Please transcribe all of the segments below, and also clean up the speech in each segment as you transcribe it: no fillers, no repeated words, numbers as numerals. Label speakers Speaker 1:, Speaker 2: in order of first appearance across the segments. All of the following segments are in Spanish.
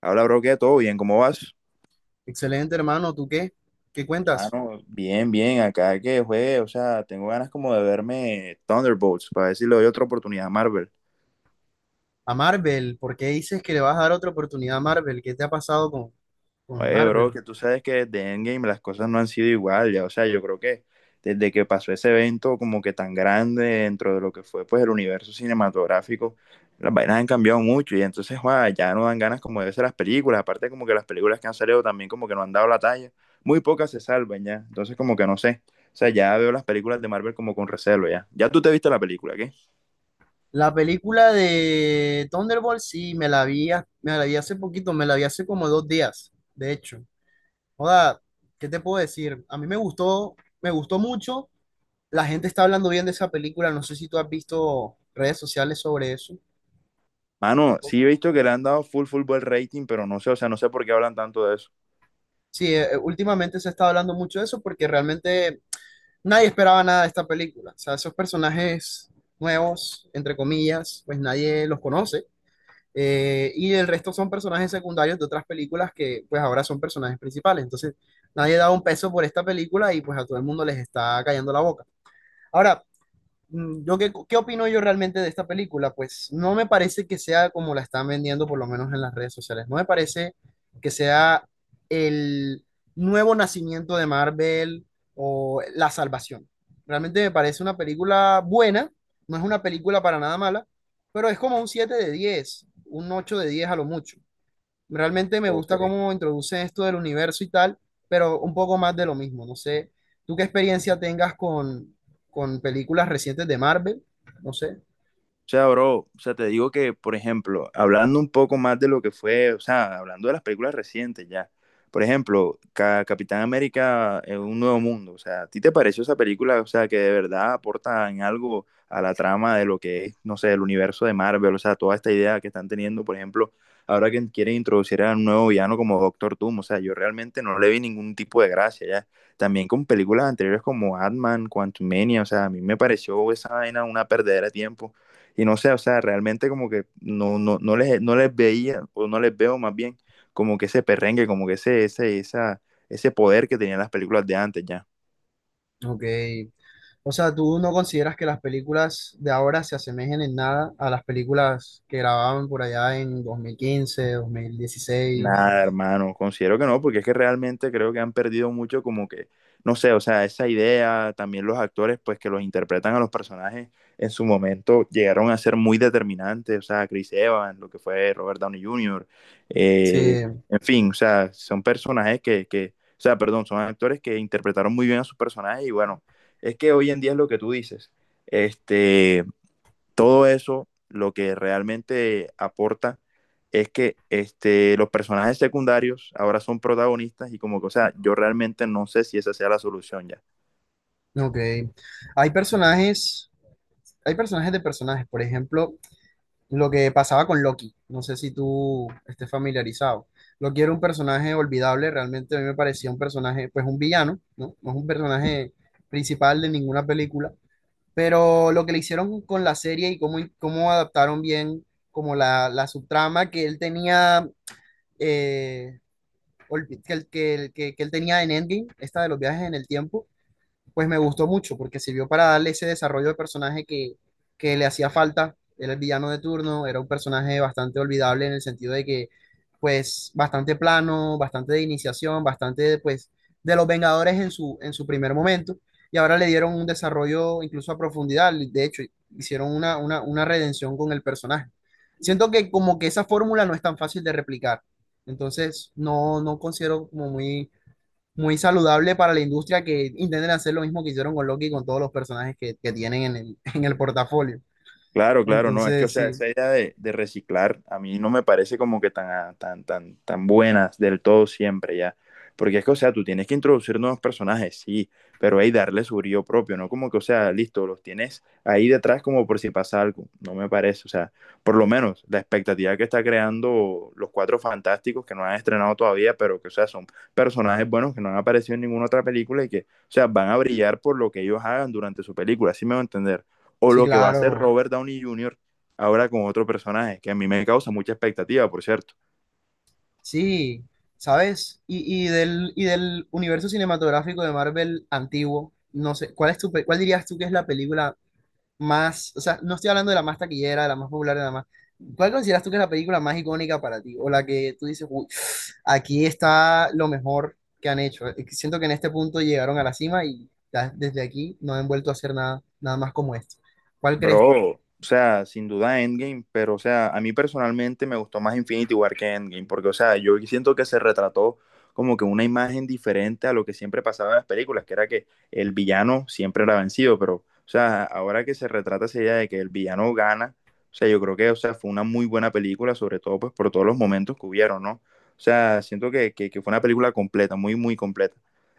Speaker 1: Habla, bro, qué todo bien, ¿cómo vas?
Speaker 2: Excelente, hermano. ¿Tú qué? ¿Qué cuentas?
Speaker 1: Mano, bien, acá que juegue, o sea, tengo ganas como de verme Thunderbolts para ver si le doy otra oportunidad a Marvel.
Speaker 2: A Marvel, ¿por qué dices que le vas a dar otra oportunidad a Marvel? ¿Qué te ha pasado con
Speaker 1: Oye, bro,
Speaker 2: Marvel?
Speaker 1: que tú sabes que desde Endgame las cosas no han sido igual, ya, o sea, yo creo que desde que pasó ese evento como que tan grande dentro de lo que fue pues el universo cinematográfico, las vainas han cambiado mucho y entonces, joda, ya no dan ganas como de hacer las películas, aparte como que las películas que han salido también como que no han dado la talla, muy pocas se salvan ya, entonces como que no sé, o sea, ya veo las películas de Marvel como con recelo ya, ya tú te viste la película, ¿qué?
Speaker 2: La película de Thunderbolt, sí, me la vi, me la vi hace poquito, me la vi hace como dos días, de hecho. Joda, ¿qué te puedo decir? A mí me gustó mucho. La gente está hablando bien de esa película. No sé si tú has visto redes sociales sobre eso un
Speaker 1: Mano, sí he
Speaker 2: poco.
Speaker 1: visto que le han dado full buen rating, pero no sé, o sea, no sé por qué hablan tanto de eso.
Speaker 2: Sí, últimamente se está hablando mucho de eso porque realmente nadie esperaba nada de esta película. O sea, esos personajes nuevos, entre comillas, pues nadie los conoce. Y el resto son personajes secundarios de otras películas que pues ahora son personajes principales. Entonces, nadie da un peso por esta película y pues a todo el mundo les está cayendo la boca. Ahora, yo qué opino yo realmente de esta película? Pues no me parece que sea como la están vendiendo, por lo menos en las redes sociales. No me parece que sea el nuevo nacimiento de Marvel o la salvación. Realmente me parece una película buena, no es una película para nada mala, pero es como un 7 de 10 un 8 de 10 a lo mucho. Realmente me
Speaker 1: Ok.
Speaker 2: gusta cómo introduce esto del universo y tal, pero un poco más de lo mismo. No sé, ¿tú qué experiencia tengas con películas recientes de Marvel? No sé.
Speaker 1: O sea, bro, o sea, te digo que, por ejemplo, hablando un poco más de lo que fue, o sea, hablando de las películas recientes ya, por ejemplo, Capitán América en un nuevo mundo, o sea, ¿a ti te pareció esa película, o sea, que de verdad aporta en algo a la trama de lo que es, no sé, el universo de Marvel, o sea, toda esta idea que están teniendo, por ejemplo, ahora que quieren introducir a un nuevo villano como Doctor Doom, o sea, yo realmente no le vi ningún tipo de gracia ya. También con películas anteriores como Ant-Man, Quantumania, o sea, a mí me pareció esa vaina una perdedera de tiempo y no sé, o sea, realmente como que no les veía, o no les veo más bien, como que ese perrengue, como que ese poder que tenían las películas de antes ya.
Speaker 2: Ok. O sea, ¿tú no consideras que las películas de ahora se asemejen en nada a las películas que grababan por allá en dos mil quince dos mil dieciséis?
Speaker 1: Nada, hermano, considero que no, porque es que realmente creo que han perdido mucho como que, no sé, o sea, esa idea, también los actores, pues que los interpretan a los personajes en su momento llegaron a ser muy determinantes, o sea, Chris Evans, lo que fue Robert Downey Jr.,
Speaker 2: Sí,
Speaker 1: eh, en fin, o sea, son personajes o sea, perdón, son actores que interpretaron muy bien a sus personajes y bueno, es que hoy en día es lo que tú dices, este todo eso lo que realmente aporta es que este, los personajes secundarios ahora son protagonistas y como que, o sea, yo realmente no sé si esa sea la solución ya.
Speaker 2: ok. Hay personajes, hay personajes de personajes. Por ejemplo, lo que pasaba con Loki. No sé si tú estés familiarizado. Loki era un personaje olvidable, realmente a mí me parecía un personaje, pues un villano, ¿no? No es un personaje principal de ninguna película, pero lo que le hicieron con la serie y cómo adaptaron bien como la subtrama que él tenía, eh, que él tenía en Endgame, esta de los viajes en el tiempo, pues me gustó mucho porque sirvió para darle ese desarrollo de personaje que le hacía falta. Era el villano de turno, era un personaje bastante olvidable en el sentido de que, pues, bastante plano, bastante de iniciación, bastante, pues, de los Vengadores en en su primer momento. Y ahora le dieron un desarrollo incluso a profundidad. De hecho, hicieron una redención con el personaje. Siento que como que esa fórmula no es tan fácil de replicar. Entonces, no, no considero como muy saludable para la industria que intenten hacer lo mismo que hicieron con Loki y con todos los personajes que tienen en el, en el portafolio.
Speaker 1: Claro, claro, no, es que, o
Speaker 2: Entonces,
Speaker 1: sea,
Speaker 2: sí,
Speaker 1: esa idea de reciclar a mí no me parece como que tan, ah, tan buenas del todo siempre ya. Porque es que, o sea, tú tienes que introducir nuevos personajes, sí, pero hay darle su brillo propio, ¿no? Como que, o sea, listo, los tienes ahí detrás como por si pasa algo, no me parece, o sea, por lo menos la expectativa que está creando los Cuatro Fantásticos que no han estrenado todavía, pero que, o sea, son personajes buenos que no han aparecido en ninguna otra película y que, o sea, van a brillar por lo que ellos hagan durante su película, así me va a entender o
Speaker 2: sí,
Speaker 1: lo que va a hacer
Speaker 2: claro,
Speaker 1: Robert Downey Jr. ahora con otro personaje, que a mí me causa mucha expectativa, por cierto.
Speaker 2: sí, ¿sabes? Y del universo cinematográfico de Marvel antiguo, no sé, ¿cuál es cuál dirías tú que es la película más, o sea, no estoy hablando de la más taquillera, de la más popular, de la más... ¿Cuál consideras tú que es la película más icónica para ti? O la que tú dices: "Uy, aquí está lo mejor que han hecho. Siento que en este punto llegaron a la cima y ya desde aquí no han vuelto a hacer nada, nada más como esto. ¿Cuál crees?"
Speaker 1: Bro, o sea, sin duda Endgame, pero o sea, a mí personalmente me gustó más Infinity War que Endgame, porque o sea, yo siento que se retrató como que una imagen diferente a lo que siempre pasaba en las películas, que era que el villano siempre era vencido, pero o sea, ahora que se retrata esa idea de que el villano gana, o sea, yo creo que, o sea, fue una muy buena película, sobre todo pues por todos los momentos que hubieron, ¿no? O sea, siento que fue una película completa, muy completa.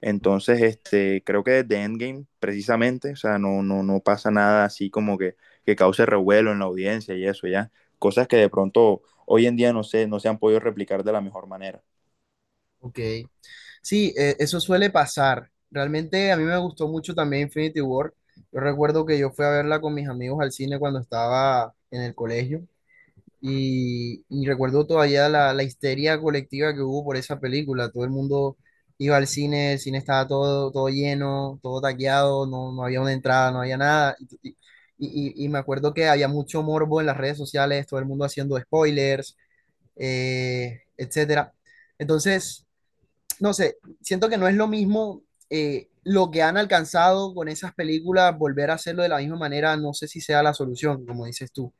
Speaker 1: Entonces, este, creo que desde Endgame, precisamente, o sea, no pasa nada así como que cause revuelo en la audiencia y eso, ya. Cosas que de pronto hoy en día no sé, no se han podido replicar de la mejor manera.
Speaker 2: Ok. Sí, eso suele pasar. Realmente a mí me gustó mucho también Infinity War. Yo recuerdo que yo fui a verla con mis amigos al cine cuando estaba en el colegio. Y recuerdo todavía la histeria colectiva que hubo por esa película. Todo el mundo iba al cine, el cine estaba todo, todo lleno, todo taqueado, no, no había una entrada, no había nada. Y, y me acuerdo que había mucho morbo en las redes sociales, todo el mundo haciendo spoilers, etcétera. Entonces, no sé, siento que no es lo mismo lo que han alcanzado con esas películas, volver a hacerlo de la misma manera, no sé si sea la solución, como dices tú.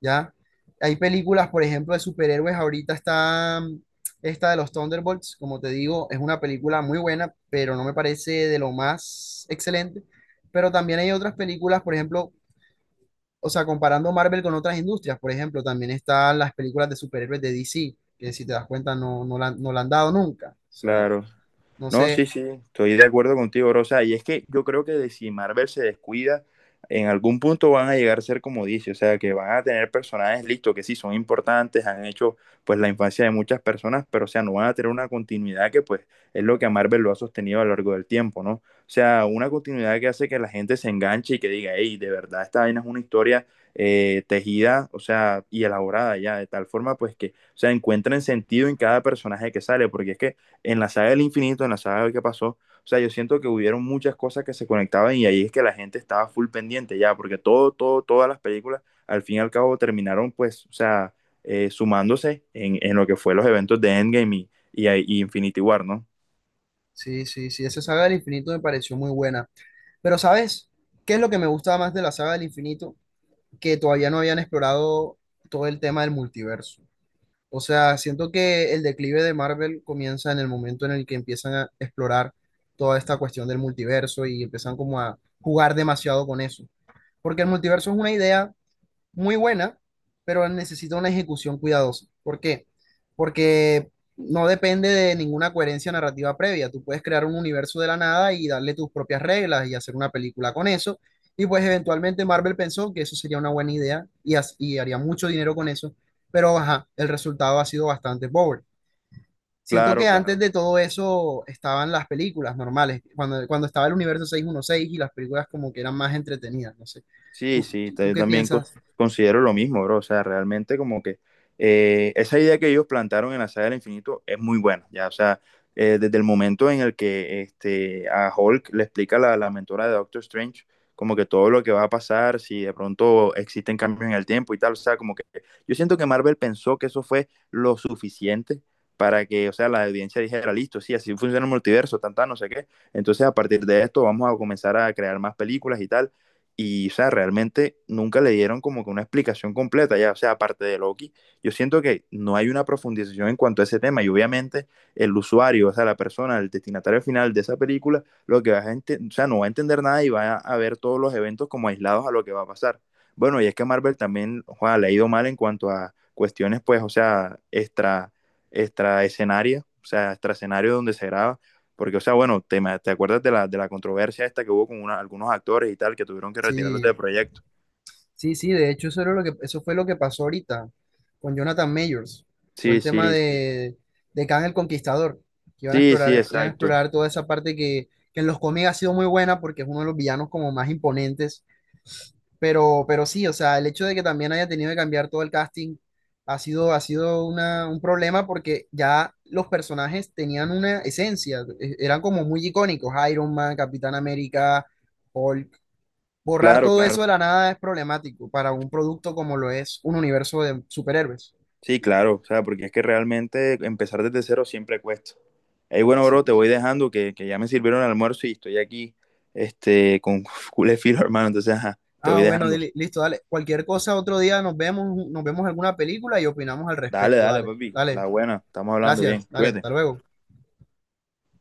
Speaker 2: ¿Ya? Hay películas, por ejemplo, de superhéroes. Ahorita está esta de los Thunderbolts, como te digo, es una película muy buena, pero no me parece de lo más excelente. Pero también hay otras películas, por ejemplo, o sea, comparando Marvel con otras industrias, por ejemplo, también están las películas de superhéroes de DC, que si te das cuenta no, no la han dado nunca. O sea,
Speaker 1: Claro.
Speaker 2: no
Speaker 1: No, sí,
Speaker 2: sé,
Speaker 1: sí, estoy de acuerdo contigo, Rosa. Y es que yo creo que de si Marvel se descuida, en algún punto van a llegar a ser como dice, o sea, que van a tener personajes listos que sí son importantes, han hecho pues la infancia de muchas personas, pero o sea, no van a tener una continuidad que pues es lo que a Marvel lo ha sostenido a lo largo del tiempo, ¿no? O sea, una continuidad que hace que la gente se enganche y que diga, hey, de verdad esta vaina es una historia tejida, o sea, y elaborada ya, de tal forma pues que, o sea, encuentren sentido en cada personaje que sale, porque es que en la saga del infinito, en la saga de qué pasó. O sea, yo siento que hubieron muchas cosas que se conectaban y ahí es que la gente estaba full pendiente ya, porque todas las películas al fin y al cabo terminaron pues, o sea, sumándose en lo que fue los eventos de Endgame y Infinity War, ¿no?
Speaker 2: sí, sí, sí, esa saga del infinito me pareció muy buena. Pero, ¿sabes? ¿Qué es lo que me gusta más de la saga del infinito? Que todavía no habían explorado todo el tema del multiverso. O sea, siento que el declive de Marvel comienza en el momento en el que empiezan a explorar toda esta cuestión del multiverso y empiezan como a jugar demasiado con eso. Porque el multiverso es una idea muy buena, pero necesita una ejecución cuidadosa. ¿Por qué? Porque no depende de ninguna coherencia narrativa previa. Tú puedes crear un universo de la nada y darle tus propias reglas y hacer una película con eso. Y pues eventualmente Marvel pensó que eso sería una buena idea y y haría mucho dinero con eso, pero ajá, el resultado ha sido bastante pobre. Siento que
Speaker 1: Claro,
Speaker 2: antes
Speaker 1: claro.
Speaker 2: de todo eso estaban las películas normales, cuando estaba el universo 616 y las películas como que eran más entretenidas, no sé.
Speaker 1: Sí, sí,
Speaker 2: Tú qué
Speaker 1: también
Speaker 2: piensas?
Speaker 1: considero lo mismo, bro. O sea, realmente como que esa idea que ellos plantaron en la saga del infinito es muy buena, ya. O sea, desde el momento en el que este, a Hulk le explica la mentora de Doctor Strange como que todo lo que va a pasar, si de pronto existen cambios en el tiempo y tal. O sea, como que yo siento que Marvel pensó que eso fue lo suficiente para que, o sea, la audiencia dijera, listo, sí, así funciona el multiverso, tan, no sé qué. Entonces, a partir de esto vamos a comenzar a crear más películas y tal. Y, o sea, realmente nunca le dieron como que una explicación completa, ya, o sea, aparte de Loki, yo siento que no hay una profundización en cuanto a ese tema y obviamente el usuario, o sea, la persona, el destinatario final de esa película, lo que va a, o sea, no va a entender nada y va a ver todos los eventos como aislados a lo que va a pasar. Bueno, y es que Marvel también, joda, le ha ido mal en cuanto a cuestiones, pues, o sea, extra escenario, o sea, extra escenario donde se graba porque, o sea, bueno, te acuerdas de de la controversia esta que hubo con algunos actores y tal, que tuvieron que retirarlos del
Speaker 2: Sí.
Speaker 1: proyecto.
Speaker 2: Sí, sí, de hecho eso era lo que, eso fue lo que pasó ahorita con Jonathan Majors, todo
Speaker 1: Sí,
Speaker 2: el tema
Speaker 1: sí, sí.
Speaker 2: de Kang el Conquistador, que
Speaker 1: Sí, sí,
Speaker 2: iban a
Speaker 1: exacto.
Speaker 2: explorar toda esa parte que en los cómics ha sido muy buena porque es uno de los villanos como más imponentes, pero sí, o sea, el hecho de que también haya tenido que cambiar todo el casting ha sido una, un problema porque ya los personajes tenían una esencia, eran como muy icónicos, Iron Man, Capitán América, Hulk. Borrar
Speaker 1: Claro,
Speaker 2: todo
Speaker 1: claro.
Speaker 2: eso de la nada es problemático para un producto como lo es un universo de superhéroes.
Speaker 1: Sí,
Speaker 2: Ya,
Speaker 1: claro. O sea, porque es que realmente empezar desde cero siempre cuesta. Ey, bueno, bro, te voy
Speaker 2: sí.
Speaker 1: dejando que ya me sirvieron el almuerzo y estoy aquí, este, con culé filo, hermano. Entonces, ajá, te
Speaker 2: Ah,
Speaker 1: voy
Speaker 2: bueno,
Speaker 1: dejando.
Speaker 2: listo, dale. Cualquier cosa, otro día nos vemos alguna película y opinamos al
Speaker 1: Dale,
Speaker 2: respecto.
Speaker 1: dale,
Speaker 2: Dale,
Speaker 1: papi. La
Speaker 2: dale.
Speaker 1: buena. Estamos hablando
Speaker 2: Gracias,
Speaker 1: bien.
Speaker 2: dale,
Speaker 1: Cuídate.
Speaker 2: hasta luego.